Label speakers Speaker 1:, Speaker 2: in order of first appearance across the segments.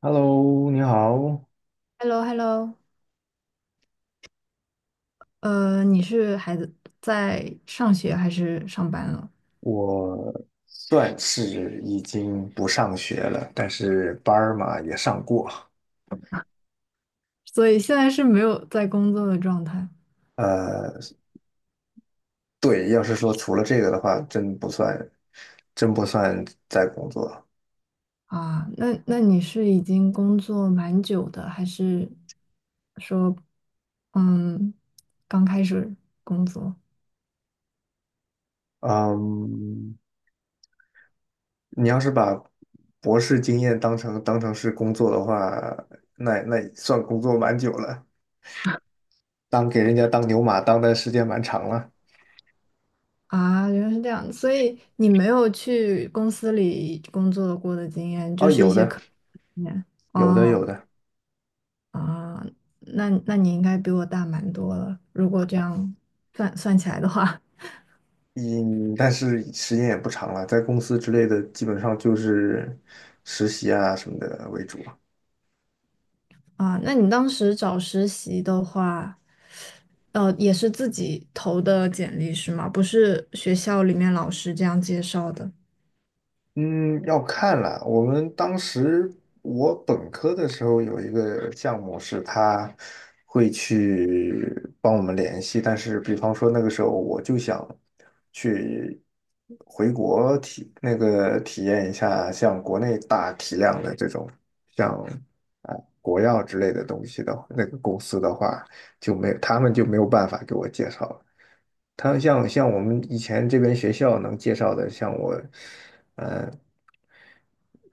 Speaker 1: Hello，你好，
Speaker 2: h e l l o 你是孩子在上学还是上班了？
Speaker 1: 我算是已经不上学了，但是班儿嘛也上过。
Speaker 2: 所以现在是没有在工作的状态
Speaker 1: 呃，对，要是说除了这个的话，真不算在工作。
Speaker 2: 啊？那你是已经工作蛮久的，还是说，嗯，刚开始工作
Speaker 1: 嗯，你要是把博士经验当成是工作的话，那也算工作蛮久了，当给人家当牛马当的时间蛮长了。
Speaker 2: 啊？原来是这样，所以你没有去公司里工作过的经验，就
Speaker 1: 哦，
Speaker 2: 是一
Speaker 1: 有
Speaker 2: 些
Speaker 1: 的，
Speaker 2: 科经验
Speaker 1: 有的，有
Speaker 2: 哦
Speaker 1: 的。
Speaker 2: 啊，那你应该比我大蛮多了，如果这样算起来的话。
Speaker 1: 嗯，但是时间也不长了，在公司之类的，基本上就是实习啊什么的为主。
Speaker 2: 啊，那你当时找实习的话，也是自己投的简历是吗？不是学校里面老师这样介绍的
Speaker 1: 嗯，要看了。我本科的时候有一个项目是他会去帮我们联系，但是比方说那个时候我就想去回国体那个体验一下像国内大体量的这种像啊、国药之类的东西的那个公司的话，就没有他们就没有办法给我介绍了。他像我们以前这边学校能介绍的，像我，呃，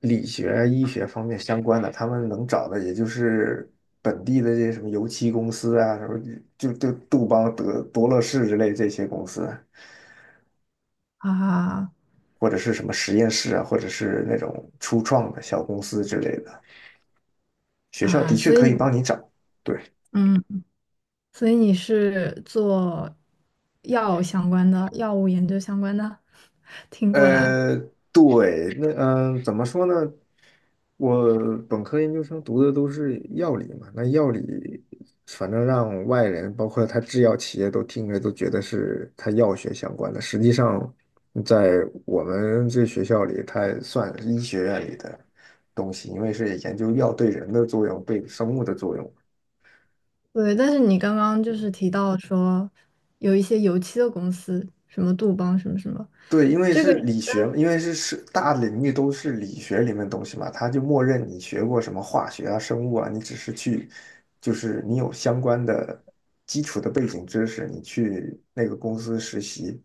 Speaker 1: 理学、医学方面相关的，他们能找的也就是本地的这些什么油漆公司啊，什么就杜邦、德多乐士之类这些公司，
Speaker 2: 啊
Speaker 1: 或者是什么实验室啊，或者是那种初创的小公司之类的。学校的
Speaker 2: 啊，
Speaker 1: 确
Speaker 2: 所以
Speaker 1: 可以帮你找，对。
Speaker 2: 嗯，所以你是做药相关的，药物研究相关的，听过来。
Speaker 1: 呃，对，那怎么说呢？我本科研究生读的都是药理嘛，那药理反正让外人，包括他制药企业都听着都觉得是他药学相关的，实际上在我们这学校里，它也算是医学院里的东西，因为是研究药对人的作用，对生物的作用。
Speaker 2: 对，但是你刚刚就是提到说有一些油漆的公司，什么杜邦什么什么
Speaker 1: 对，因为是理学，因为是大领域都是理学里面的东西嘛，他就默认你学过什么化学啊、生物啊，你只是去，就是你有相关的基础的背景知识，你去那个公司实习。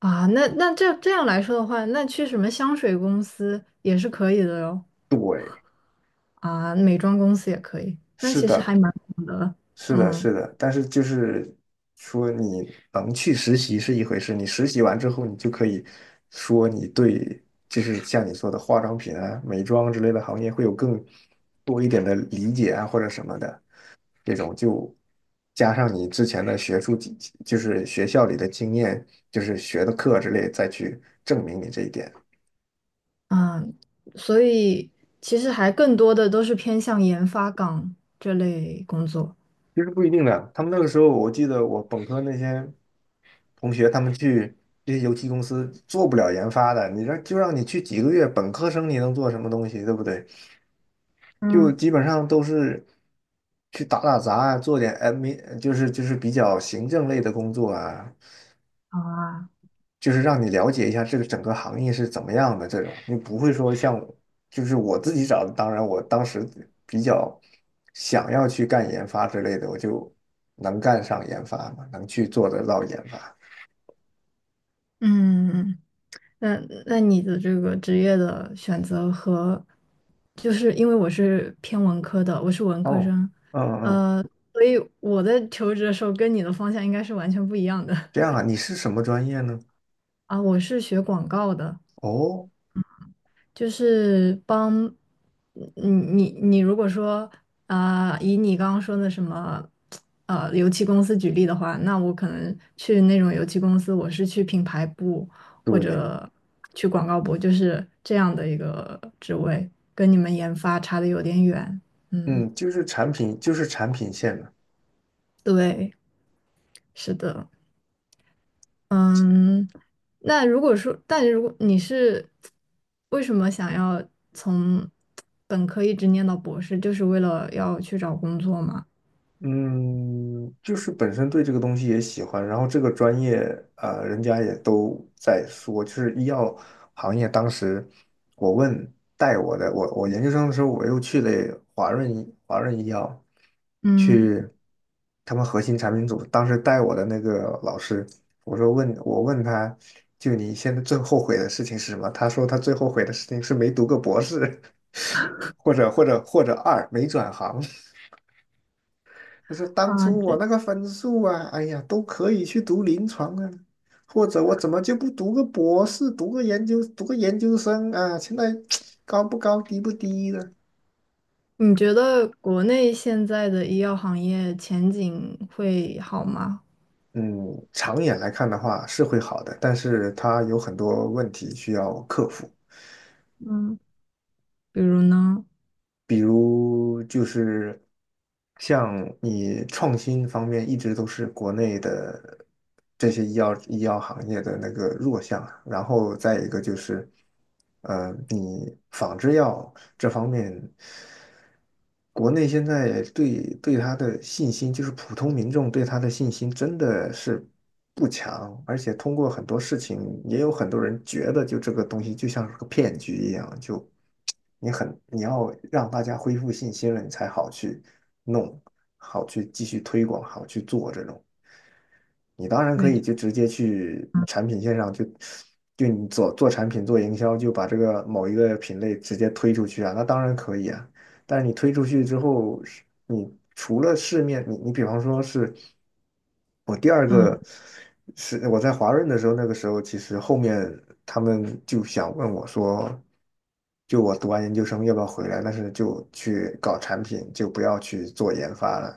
Speaker 2: 啊，那这样来说的话，那去什么香水公司也是可以的哟。
Speaker 1: 对，
Speaker 2: 啊，美妆公司也可以，那
Speaker 1: 是
Speaker 2: 其实还
Speaker 1: 的，
Speaker 2: 蛮好的，
Speaker 1: 是的，
Speaker 2: 嗯
Speaker 1: 是的，但是就是说你能去实习是一回事，你实习完之后，你就可以说你对，就是像你说的化妆品啊、美妆之类的行业会有更多一点的理解啊，或者什么的。这种就加上你之前的学术经，就是学校里的经验，就是学的课之类，再去证明你这一点，
Speaker 2: 嗯，所以其实还更多的都是偏向研发岗这类工作
Speaker 1: 其实不一定的。他们那个时候，我记得我本科那些同学，他们去这些油漆公司做不了研发的，就让你去几个月，本科生你能做什么东西，对不对？就
Speaker 2: 嗯。
Speaker 1: 基本上都是去打打杂啊，做点 a d 就是比较行政类的工作啊，
Speaker 2: 啊，
Speaker 1: 就是让你了解一下这个整个行业是怎么样的这种，你不会说像就是我自己找的，当然我当时比较想要去干研发之类的，我就能干上研发嘛，能去做得到研发。
Speaker 2: 嗯，那那你的这个职业的选择和，就是因为我是偏文科的，我是文科
Speaker 1: 哦，
Speaker 2: 生，
Speaker 1: 嗯嗯，
Speaker 2: 呃，所以我在求职的时候跟你的方向应该是完全不一样的
Speaker 1: 这样啊，你是什么专业呢？
Speaker 2: 啊，我是学广告的。
Speaker 1: 哦，
Speaker 2: 就是帮你如果说啊、以你刚刚说的什么油漆公司举例的话，那我可能去那种油漆公司，我是去品牌部或
Speaker 1: 对，
Speaker 2: 者去广告部，就是这样的一个职位，跟你们研发差的有点远。嗯，
Speaker 1: 嗯，就是产品，就是产品线的。
Speaker 2: 对，是的。嗯，那如果说，但如果你是为什么想要从本科一直念到博士，就是为了要去找工作吗？
Speaker 1: 嗯，就是本身对这个东西也喜欢，然后这个专业，人家也都在说，就是医药行业。当时我问带我的，我研究生的时候，我又去了华润医药，
Speaker 2: 嗯。
Speaker 1: 去他们核心产品组。当时带我的那个老师，我问他，就你现在最后悔的事情是什么？他说他最后悔的事情是没读个博士，或者二没转行。他说：“当
Speaker 2: 啊，
Speaker 1: 初我
Speaker 2: 这
Speaker 1: 那个分数啊，哎呀，都可以去读临床啊，或者我怎么就不读个博士，读个研究生啊？现在 高不高，低不低呢？
Speaker 2: 你觉得国内现在的医药行业前景会好吗？
Speaker 1: 嗯，长远来看的话是会好的，但是他有很多问题需要克服。
Speaker 2: 嗯比如呢，
Speaker 1: 比如就是像你创新方面一直都是国内的这些医药行业的那个弱项，然后再一个就是，你仿制药这方面，国内现在对它的信心，就是普通民众对它的信心真的是不强，而且通过很多事情，也有很多人觉得就这个东西就像是个骗局一样，就你要让大家恢复信心了，你才好去弄，好去继续推广，好去做这种。你当然可
Speaker 2: 美，
Speaker 1: 以就直接去产品线上就你做做产品做营销，就把这个某一个品类直接推出去啊，那当然可以啊。但是你推出去之后，是你除了市面，你比方说是我第二
Speaker 2: 嗯
Speaker 1: 个是我在华润的时候，那个时候其实后面他们就想问我说，就我读完研究生要不要回来，但是就去搞产品，就不要去做研发了。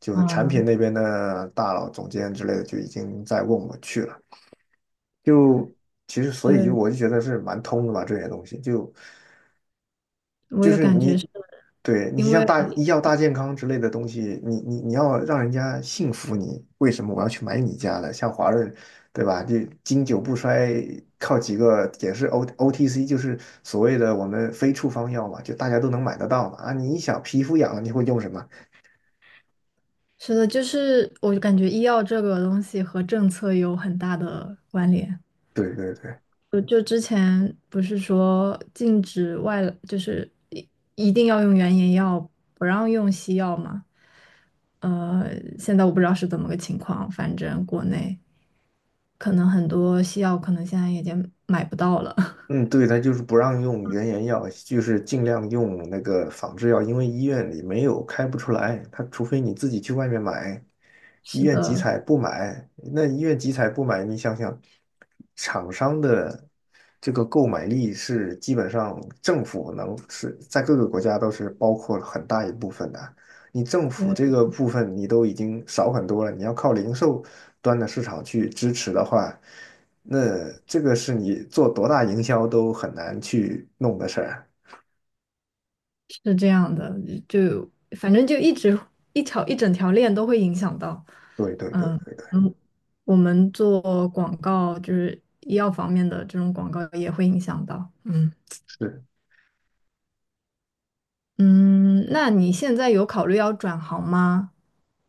Speaker 1: 就是产品
Speaker 2: 嗯，
Speaker 1: 那边的大佬、总监之类的就已经在问我去了。就其实，所以就
Speaker 2: 对，
Speaker 1: 我就觉得是蛮通的吧，这些东西就
Speaker 2: 我
Speaker 1: 就
Speaker 2: 有
Speaker 1: 是
Speaker 2: 感
Speaker 1: 你
Speaker 2: 觉是
Speaker 1: 对你
Speaker 2: 因
Speaker 1: 像
Speaker 2: 为
Speaker 1: 大医药大健康之类的东西，你要让人家信服你，为什么我要去买你家的？像华润，对吧？就经久不衰，靠几个也是 OTC，就是所谓的我们非处方药嘛，就大家都能买得到嘛。啊，你一想皮肤痒了，你会用什么？
Speaker 2: 是的，就是我感觉医药这个东西和政策有很大的关联。
Speaker 1: 对对对。
Speaker 2: 就之前不是说禁止外来就是一定要用原研药，不让用西药嘛？呃，现在我不知道是怎么个情况，反正国内可能很多西药可能现在已经买不到了。
Speaker 1: 嗯，对，它就是不让用原研药，就是尽量用那个仿制药，因为医院里没有开不出来，它除非你自己去外面买，医
Speaker 2: 是
Speaker 1: 院集
Speaker 2: 的，
Speaker 1: 采不买，那医院集采不买，你想想，厂商的这个购买力是基本上政府能是在各个国家都是包括了很大一部分的，你政府这个部分你都已经少很多了，你要靠零售端的市场去支持的话。那这个是你做多大营销都很难去弄的事儿啊。
Speaker 2: 是这样的，就反正就一直一条一整条链都会影响到，
Speaker 1: 对对对
Speaker 2: 嗯
Speaker 1: 对对，
Speaker 2: 嗯，我们做广告就是医药方面的这种广告也会影响到，嗯。
Speaker 1: 是。
Speaker 2: 嗯，那你现在有考虑要转行吗？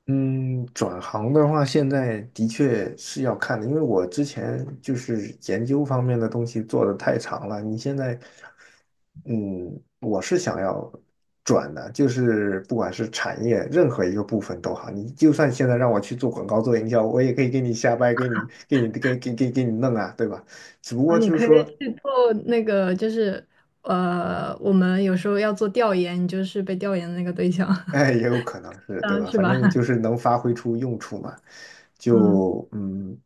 Speaker 1: 嗯，转行的话，现在的确是要看的，因为我之前就是研究方面的东西做的太长了。你现在，嗯，我是想要转的，就是不管是产业任何一个部分都好，你就算现在让我去做广告、做营销，我也可以给你瞎掰，给你给你给给给给你弄啊，对吧？只不
Speaker 2: 啊，
Speaker 1: 过
Speaker 2: 你
Speaker 1: 就是
Speaker 2: 可以
Speaker 1: 说。
Speaker 2: 去做那个，就是我们有时候要做调研，你就是被调研的那个对象，
Speaker 1: 哎，也有可能是，对
Speaker 2: 啊，
Speaker 1: 吧？
Speaker 2: 是
Speaker 1: 反
Speaker 2: 吧？
Speaker 1: 正就 是能发挥出用处嘛，
Speaker 2: 嗯
Speaker 1: 就嗯。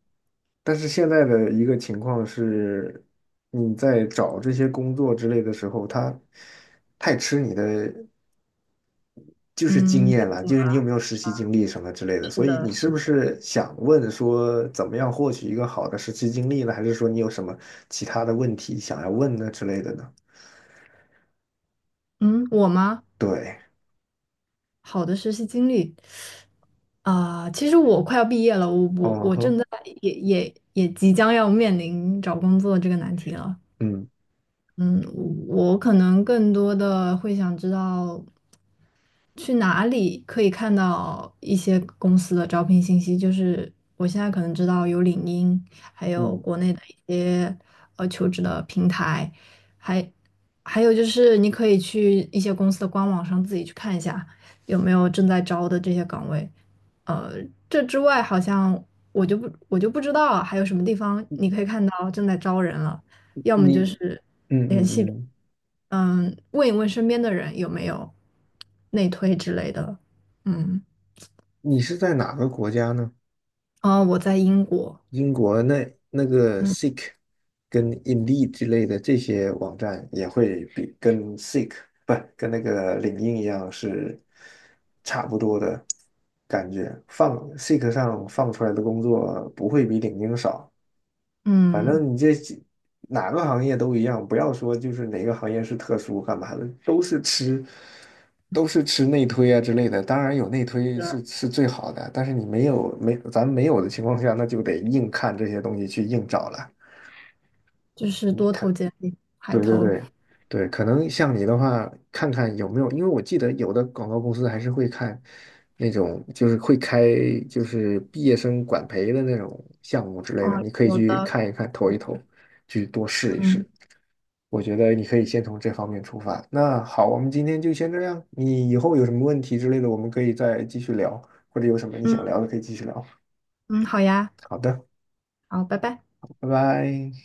Speaker 1: 但是现在的一个情况是，你在找这些工作之类的时候，他太吃你的就是经
Speaker 2: 嗯，背
Speaker 1: 验了，
Speaker 2: 景
Speaker 1: 就是你有没有实习经历什么之类的。
Speaker 2: 是
Speaker 1: 所以
Speaker 2: 的，
Speaker 1: 你是
Speaker 2: 是
Speaker 1: 不
Speaker 2: 的。
Speaker 1: 是想问说，怎么样获取一个好的实习经历呢？还是说你有什么其他的问题想要问的之类的呢？
Speaker 2: 嗯，我吗？
Speaker 1: 对，
Speaker 2: 好的实习经历啊，其实我快要毕业了，我我
Speaker 1: 哦
Speaker 2: 我正
Speaker 1: 哼，
Speaker 2: 在也即将要面临找工作这个难题了。
Speaker 1: 嗯
Speaker 2: 嗯，我可能更多的会想知道，去哪里可以看到一些公司的招聘信息？就是我现在可能知道有领英，还有
Speaker 1: 嗯，
Speaker 2: 国内的一些求职的平台，还还有就是你可以去一些公司的官网上自己去看一下有没有正在招的这些岗位。呃，这之外好像我就不知道还有什么地方你可以看到正在招人了，要么
Speaker 1: 你
Speaker 2: 就是。
Speaker 1: 嗯
Speaker 2: 联系。
Speaker 1: 嗯嗯。
Speaker 2: 嗯，问一问身边的人有没有内推之类的。嗯，
Speaker 1: 你是在哪个国家呢？
Speaker 2: 哦，我在英国，
Speaker 1: 英国那个
Speaker 2: 嗯
Speaker 1: Seek 跟 Indeed 之类的这些网站也会比跟 Seek 不跟那个领英一样是差不多的感觉，放 Seek 上放出来的工作不会比领英少。反
Speaker 2: 嗯，
Speaker 1: 正你这哪个行业都一样，不要说就是哪个行业是特殊干嘛的，都是吃内推啊之类的。当然有内
Speaker 2: 是
Speaker 1: 推是
Speaker 2: 的
Speaker 1: 是最好的，但是你没有的情况下，那就得硬看这些东西去硬找了。
Speaker 2: 就是
Speaker 1: 你
Speaker 2: 多投
Speaker 1: 看
Speaker 2: 简历，海
Speaker 1: 对对
Speaker 2: 投。
Speaker 1: 对对，可能像你的话，看看有没有，因为我记得有的广告公司还是会看那种，就是毕业生管培的那种项目之
Speaker 2: 哦，
Speaker 1: 类的，你可以
Speaker 2: 有
Speaker 1: 去
Speaker 2: 的，
Speaker 1: 看一看，投一投，去多试一
Speaker 2: 嗯
Speaker 1: 试。我觉得你可以先从这方面出发。那好，我们今天就先这样。你以后有什么问题之类的，我们可以再继续聊，或者有什么你想
Speaker 2: 嗯
Speaker 1: 聊的可以继续聊。
Speaker 2: 嗯，好呀，
Speaker 1: 好的，
Speaker 2: 好，拜拜。
Speaker 1: 拜拜。